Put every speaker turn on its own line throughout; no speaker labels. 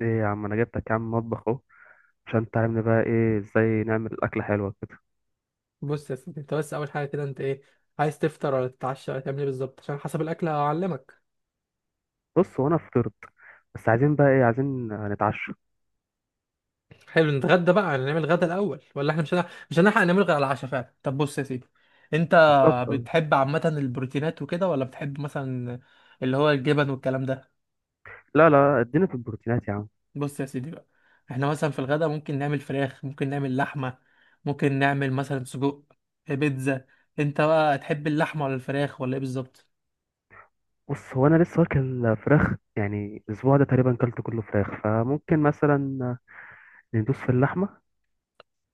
ايه يا عم، انا جبتك يا عم مطبخ اهو عشان تعلمني بقى ايه ازاي نعمل اكله حلوه كده.
بص يا سيدي، انت بس اول حاجه كده انت ايه؟ عايز تفطر ولا تتعشى ولا تعمل ايه بالظبط؟ عشان حسب الاكل هعلمك.
بص، هو انا فطرت بس عايزين بقى ايه، عايزين نتعشى.
حلو، نتغدى بقى، نعمل غدا الاول ولا احنا مش هنلحق نعمل غدا على العشاء فعلا؟ طب بص يا سيدي، انت
بالظبط اه.
بتحب عامه البروتينات وكده، ولا بتحب مثلا اللي هو الجبن والكلام ده؟
لا لا، ادينا في البروتينات يا عم.
بص يا سيدي بقى، احنا مثلا في الغدا ممكن نعمل فراخ، ممكن نعمل لحمه، ممكن نعمل مثلا سجق، بيتزا. انت بقى تحب اللحمه ولا الفراخ ولا ايه بالظبط؟
بص، هو انا لسه واكل فراخ، يعني الاسبوع ده تقريبا كلت كله فراخ، فممكن مثلا ندوس في اللحمه.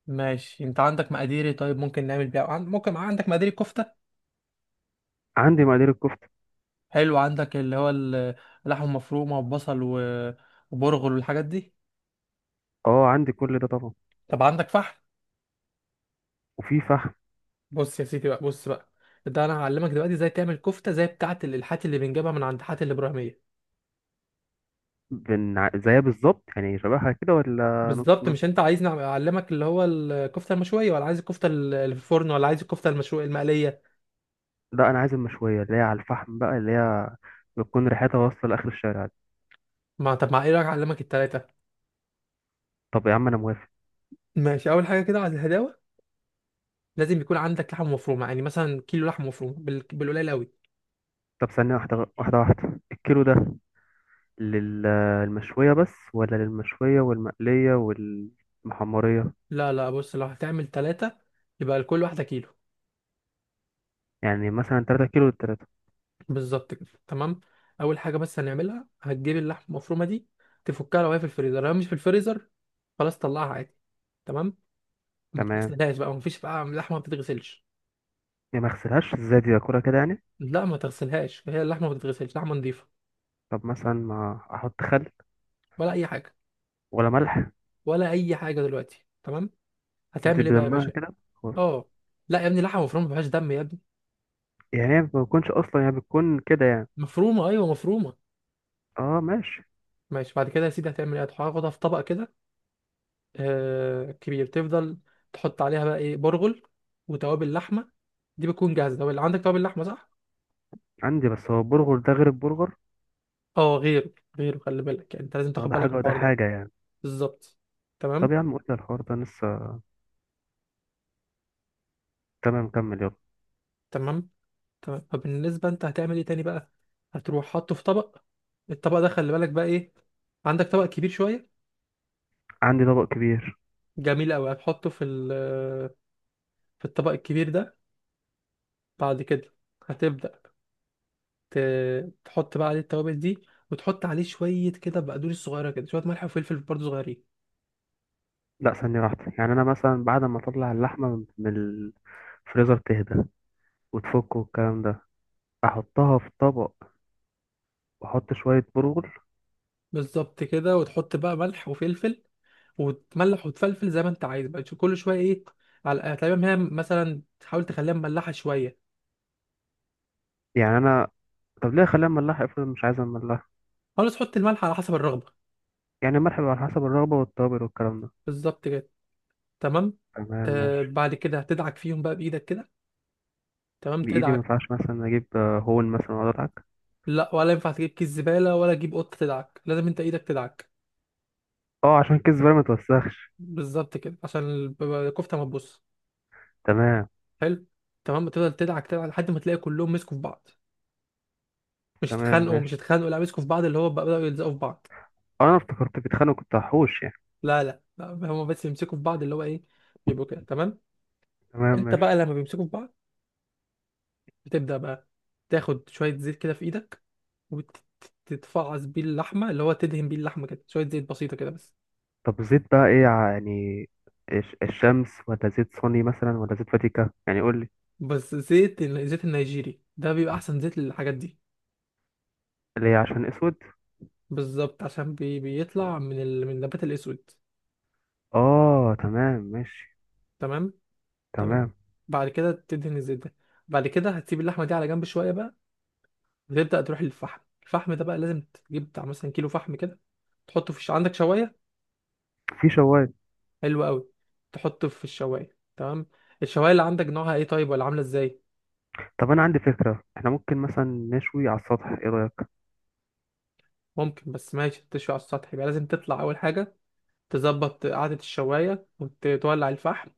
ماشي، انت عندك مقاديري، طيب ممكن نعمل بيها ممكن عندك مقادير كفته؟
عندي مقادير الكفته.
حلو، عندك اللي هو اللحمه المفرومه وبصل وبرغل والحاجات دي؟
اه عندي كل ده طبعا.
طب عندك فحم؟
وفي فحم.
بص يا سيدي بقى، بص بقى، ده انا هعلمك دلوقتي ازاي تعمل كفته زي بتاعه الالحات اللي بنجيبها من عند حاتي الابراهيميه.
زيها بالظبط يعني، شبهها كده ولا نص
بالظبط، مش
نص؟
انت عايزني اعلمك اللي هو الكفته المشويه، ولا عايز الكفته اللي في الفرن، ولا عايز الكفته المشويه المقليه؟
لا، انا عايز المشويه اللي هي على الفحم بقى، اللي هي بتكون ريحتها واصله لاخر الشارع.
ما طب، مع ايه رايك اعلمك التلاته؟
طب يا عم انا موافق.
ماشي، اول حاجه كده على الهداوه، لازم يكون عندك لحمه مفرومه، يعني مثلا كيلو لحمه مفرومه بالقليل قوي.
طب ثانية، واحدة، الكيلو ده للمشوية بس ولا للمشوية والمقلية والمحمرية؟
لا، لا، بص لو هتعمل تلاته يبقى لكل واحده كيلو.
يعني مثلا تلاتة كيلو للتلاتة.
بالظبط كده، تمام. اول حاجه بس هنعملها، هتجيب اللحمه المفرومه دي، تفكها لو هي في الفريزر، لو هي مش في الفريزر خلاص طلعها عادي. تمام. ما
تمام.
بتغسلهاش بقى، مفيش بقى لحمه ما بتتغسلش.
يعني ما اغسلهاش ازاي، دي اكلها كده يعني؟
لا ما تغسلهاش، هي اللحمه ما بتتغسلش، لحمه نظيفه.
طب مثلا ما احط خل،
ولا اي حاجه.
ولا ملح؟
ولا اي حاجه دلوقتي، تمام.
بتبقى
هتعمل ايه بقى يا
دمها
باشا؟
كده خلاص.
اه، لا يا ابني، لحمه مفرومه ما فيهاش دم يا ابني.
يعني هي ما بتكونش اصلا، يعني بتكون كده يعني.
مفرومه، ايوه، مفرومه.
اه ماشي.
ماشي، بعد كده يا سيدي هتعمل ايه؟ هتاخدها في طبق كده كبير، تفضل. تحط عليها بقى ايه؟ برغل وتوابل لحمه، دي بتكون جاهزه توابل، عندك توابل لحمه صح؟
عندي، بس هو البرجر ده غير البرجر.
اه غيره، غيره، خلي بالك يعني انت لازم
اه
تاخد
ده
بالك
حاجة
من
وده
الحوار ده.
حاجة يعني.
بالظبط.
طب
تمام،
يا عم قلت الحوار ده لسه. تمام كمل يلا.
تمام، تمام. فبالنسبه انت هتعمل ايه تاني بقى؟ هتروح حاطه في طبق، الطبق ده خلي بالك بقى ايه، عندك طبق كبير شويه؟
عندي طبق كبير.
جميل قوي. هتحطه في الطبق الكبير ده، بعد كده هتبدا تحط بقى عليه التوابل دي، وتحط عليه شويه كده بقدونس صغيره كده، شويه ملح وفلفل برضه صغيرين.
لا ثانية واحدة، يعني أنا مثلا بعد ما أطلع اللحمة من الفريزر تهدى وتفك والكلام ده، أحطها في طبق وأحط شوية برغل.
بالظبط كده، وتحط بقى ملح وفلفل، وتملح وتفلفل زي ما انت عايز بقى كل شويه ايه، على يعني تقريبا هي مثلا تحاول تخليها مملحه شويه.
يعني أنا، طب ليه أخليها مملحة، افرض مش عايزة مملحة؟
خلاص، تحط الملح على حسب الرغبه.
يعني الملح بيبقى على حسب الرغبة، والتوابل والكلام ده.
بالظبط كده، تمام.
تمام ماشي.
بعد كده هتدعك فيهم بقى بايدك كده، تمام،
بإيدي؟ ما
تدعك.
ينفعش مثلا أجيب هون مثلا وأقعد أضحك؟
لا، ولا ينفع تجيب كيس زباله ولا تجيب قطه تدعك، لازم انت ايدك تدعك.
أه، عشان كيس الزبالة ما توسخش.
بالظبط كده، عشان الكفته ما تبص.
تمام.
حلو، تمام، تفضل تدعك تدعك لحد ما تلاقي كلهم مسكوا في بعض. مش
تمام
اتخانقوا، مش
ماشي.
اتخانقوا، لا مسكوا في بعض، اللي هو بقى بدأوا يلزقوا في بعض.
أه أنا افتكرت بيتخانقوا كنت هحوش يعني.
لا، لا، لا، هما بس بيمسكوا في بعض اللي هو ايه، بيبقوا كده تمام.
تمام
انت بقى
ماشي.
لما بيمسكوا في بعض بتبدأ بقى تاخد شوية زيت كده في ايدك، وتتفعص بيه اللحمة اللي هو تدهن بيه اللحمة كده، شوية زيت بسيطة كده بس.
طب زيت بقى إيه يعني، الشمس، ولا زيت صيني مثلا، ولا زيت فاتيكا يعني، قول؟
بس الزيت النيجيري ده بيبقى احسن زيت للحاجات دي.
اللي هي عشان اسود.
بالظبط، عشان بيطلع من النبات الاسود.
اه تمام ماشي.
تمام، تمام.
تمام.
بعد كده تدهن الزيت ده، بعد كده هتسيب اللحمة دي على جنب شوية بقى، وتبدأ تروح للفحم. الفحم ده بقى لازم تجيب بتاع مثلا كيلو فحم كده، تحطه عندك شواية؟
في شوايه.
حلو قوي، تحطه في الشوايه، تمام. الشوايه اللي عندك نوعها ايه طيب، ولا عامله ازاي؟
طب انا عندي فكره، احنا ممكن مثلا نشوي على السطح، ايه رايك؟
ممكن بس ماشي، تشوي على السطح يبقى لازم تطلع اول حاجه تظبط قعده الشوايه وتولع الفحم،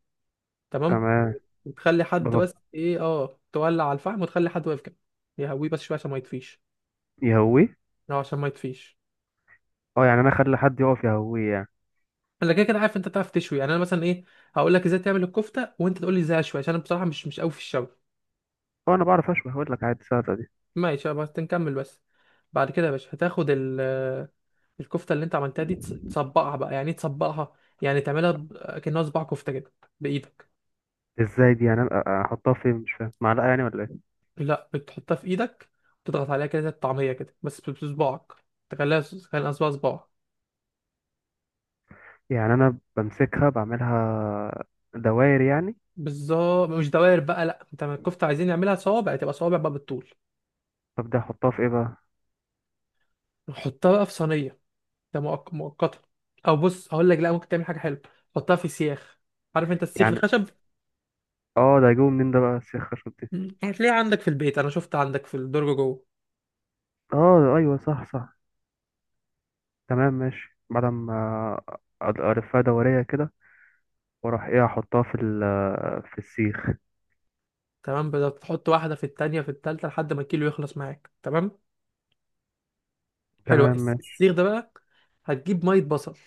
تمام.
تمام.
وتخلي حد
بغب.
بس ايه، تولع على الفحم، وتخلي حد واقف كده يهويه بس شويه عشان ما يطفيش.
يهويه.
اه، عشان ما يطفيش.
اه يعني انا اخلي حد يقف يهويه يعني.
انا كده كده عارف انت تعرف تشوي، يعني انا مثلا ايه، هقول لك ازاي تعمل الكفته وانت تقول لي ازاي اشوي، عشان انا بصراحه مش قوي في الشوي.
اه انا بعرف اشوي، هقول لك عادي ساعتها دي.
ماشي بس نكمل بس. بعد كده يا باشا هتاخد الكفته اللي انت عملتها دي تصبعها بقى، يعني ايه تصبعها؟ يعني تعملها كأنها صباع كفته كده بايدك.
ازاي دي يعني؟ احطها فين؟ مش فاهم، معلقه يعني ولا ايه؟
لا، بتحطها في ايدك وتضغط عليها كده زي الطعميه كده بس بصباعك، تخليها صباعك.
يعني انا بمسكها بعملها دوائر يعني؟
بالظبط، مش دوائر بقى، لا انت ما الكفته عايزين نعملها صوابع، تبقى صوابع بقى بالطول.
طب ده احطها في ايه بقى؟
نحطها بقى في صينيه، ده مؤقتا، او بص هقول لك، لا ممكن تعمل حاجه حلوه، حطها في سياخ. عارف انت السيخ
يعني
الخشب؟
اه، ده جوه منين ده بقى السيخ خشب دي؟
هتلاقيه عندك في البيت، انا شفت عندك في الدرج جوه.
اه ايوه صح صح. تمام ماشي. بعد ما الفها دوريه كده، واروح ايه احطها في ال، في السيخ.
تمام، بدأ تحط واحدة في التانية في التالتة لحد ما الكيلو يخلص معاك، تمام. حلو
تمام ماشي.
السيخ ده بقى هتجيب مية بصل.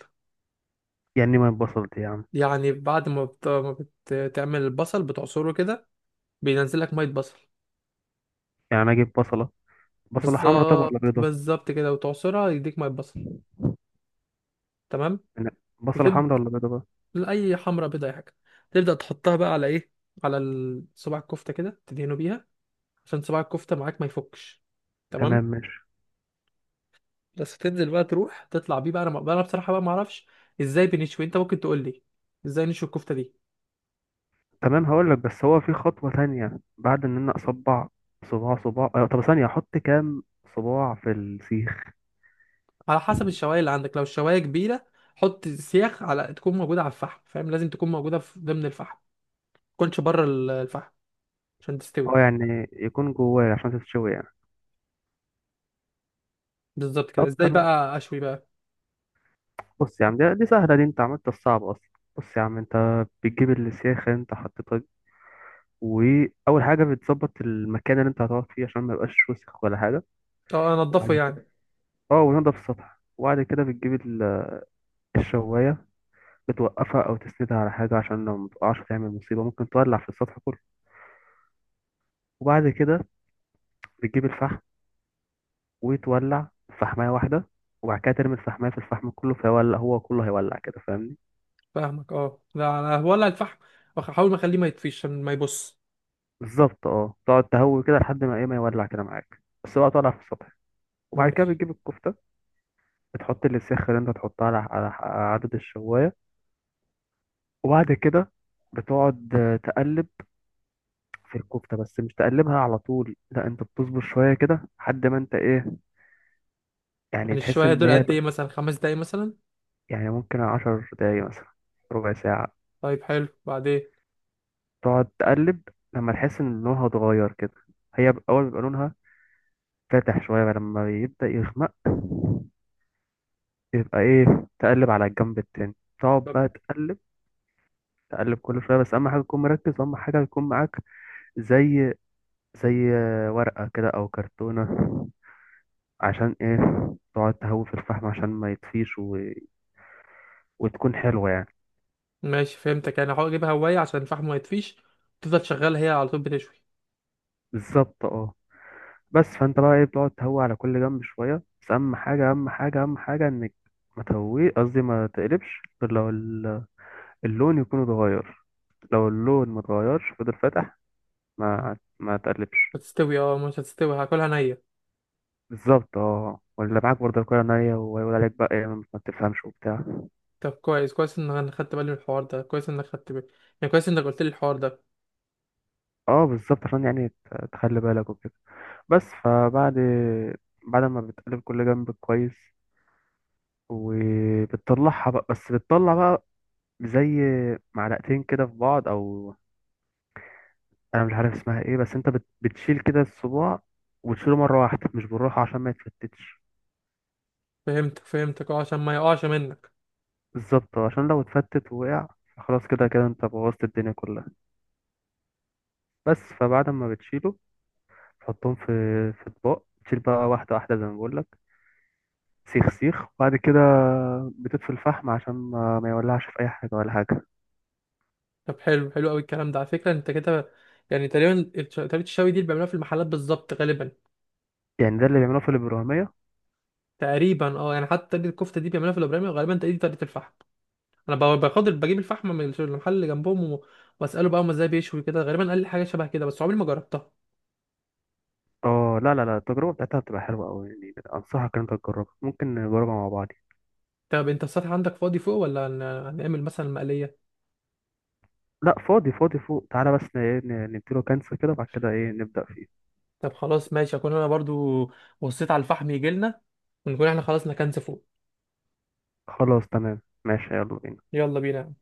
يعني ما اتبصلت يا عم؟
يعني بعد ما ما بتعمل البصل بتعصره كده، بينزل لك مية بصل.
يعني انا اجيب بصله، بصله حمراء طب ولا
بالظبط،
بيضه؟
بالظبط كده وتعصرها يديك مية بصل، تمام.
أنا، بصله حمراء
وتبدأ،
ولا بيضه بقى؟
أي حمرة، بيضة، أي حاجة، تبدأ تحطها بقى على إيه، صباع الكفتة كده، تدهنه بيها عشان صباع الكفتة معاك ما يفكش،
تمام
تمام.
ماشي.
بس تنزل بقى تروح تطلع بيه بقى، انا بقى انا بصراحه بقى ما اعرفش ازاي بنشوي، انت ممكن تقول لي ازاي نشوي الكفته دي؟
تمام هقول لك، بس هو في خطوه تانية. بعد ان انا اصبع صباع صباع أه. طب ثانيه، احط كام صباع في السيخ؟
على حسب الشوايه اللي عندك، لو الشوايه كبيره حط سياخ على تكون موجوده على الفحم، فاهم؟ لازم تكون موجوده في ضمن الفحم ما تكونش بره الفحم عشان تستوي.
اه، يعني يكون جواه عشان تتشوي يعني.
بالظبط كده،
طب
ازاي
تمام.
بقى اشوي بقى؟
بص يا عم، دي سهله، دي انت عملت الصعب اصلا. بص يا عم، انت بتجيب السيخ انت حطيتها. واول حاجه بتظبط المكان اللي انت هتقعد فيه عشان ما يبقاش وسخ ولا حاجه.
اه، انضفه
وبعد
يعني.
كده، اه ونضف السطح. وبعد كده بتجيب الشوايه، بتوقفها او تسندها على حاجه، عشان لو متقعش تعمل مصيبه ممكن تولع في السطح كله. وبعد كده بتجيب الفحم، وتولع فحمايه واحده، وبعد كده ترمي الفحمايه في الفحم كله فيولع هو كله، هيولع كده، فاهمني؟
فاهمك، اه لا، انا ولا الفحم، احاول ما اخليه ما يطفيش عشان ما يبص.
بالظبط اه. تقعد تهوي كده لحد ما ايه، ما يولع كده معاك، بس بقى تولع في السطح. وبعد كده
ماشي.
بتجيب الكفته، بتحط السخة اللي انت تحطها على على عدد الشوايه. وبعد كده بتقعد تقلب في الكفتة، بس مش تقلبها على طول، لا انت بتصبر شوية كده لحد ما انت ايه،
يعني
يعني تحس
الشوايه
ان
دول
هي.
قد ايه، مثلا 5 دقايق مثلا؟
يعني ممكن 10 دقايق مثلا، ربع ساعة.
طيب، حلو، بعدين؟
تقعد تقلب لما تحس ان لونها اتغير كده. هي اول بيبقى لونها فاتح شوية، بقى لما يبدأ يغمق يبقى ايه، تقلب على الجنب التاني. تقعد بقى تقلب، تقلب كل شوية. بس أهم حاجة تكون مركز، أهم حاجة يكون معاك زي، زي ورقة كده أو كرتونة. عشان ايه؟ تقعد تهوي في الفحم عشان ما يطفيش، و... وتكون حلوة يعني.
ماشي فهمتك، يعني هحاول اجيبها هواية عشان الفحم ما يطفيش، تفضل شغالة هي على طول بتشوي.
بالظبط اه. بس فانت بقى ايه، بتقعد تهوي على كل جنب شوية. بس اهم حاجة، اهم حاجة، اهم حاجة انك ما تهويه، قصدي ما تقلبش غير لو اللون يكون اتغير. لو اللون ما اتغيرش فضل فاتح، ما تقلبش.
هتستوي؟ اه مش هتستوي، هاكلها نية؟
بالظبط اه، ولا معاك برضه الكوره نية ويقول عليك بقى ايه، ما بتفهمش وبتاع.
طب كويس، كويس ان انا خدت بالي من الحوار ده، كويس انك خدت بالي، يعني كويس انك قلت لي الحوار ده.
اه بالظبط، عشان يعني تخلي بالك وكده. بس بعد ما بتقلب كل جنب كويس وبتطلعها بقى، بس بتطلع بقى زي معلقتين كده في بعض، او انا مش عارف اسمها ايه، بس انت بتشيل كده الصباع وتشيله مرة واحدة مش بالراحة عشان ما يتفتتش.
فهمتك، فهمتك، اه، عشان ما يقعش منك.
بالظبط، عشان لو اتفتت ووقع خلاص كده كده انت بوظت الدنيا كلها. بس فبعد ما بتشيله تحطهم في، في اطباق. تشيل بقى واحدة واحدة زي ما بقول لك، سيخ سيخ. وبعد كده بتطفي الفحم عشان ما يولعش في اي حاجة ولا حاجة.
طب حلو، حلو قوي الكلام ده، على فكرة انت كده يعني تقريبا طريقة الشوي دي اللي بيعملوها في المحلات بالظبط غالبا.
يعني ده اللي بيعملوه في الإبرامية.
تقريبا اه، يعني حتى طريقة الكفتة دي بيعملوها في الابراهيمي، وغالبا دي طريقة الفحم. انا بخاطر بجيب الفحم من المحل اللي جنبهم، واساله بقى هم ازاي بيشوي كده، غالبا قال لي حاجة شبه كده بس عمري ما جربتها.
اه لا لا لا، التجربة بتاعتها بتبقى حلوة أوي يعني، أنصحك إن أنت تجربها، ممكن نجربها مع بعض.
طب انت السطح عندك فاضي فوق، ولا هنعمل مثلا مقلية؟
لا فاضي فاضي فوق، تعالى بس نديله كنسل كده، بعد كده إيه نبدأ فيه.
طب خلاص ماشي، اكون انا برضو بصيت على الفحم يجيلنا، ونكون احنا خلاص نكنس فوق.
خلاص تمام ماشي يلا بينا.
يلا بينا.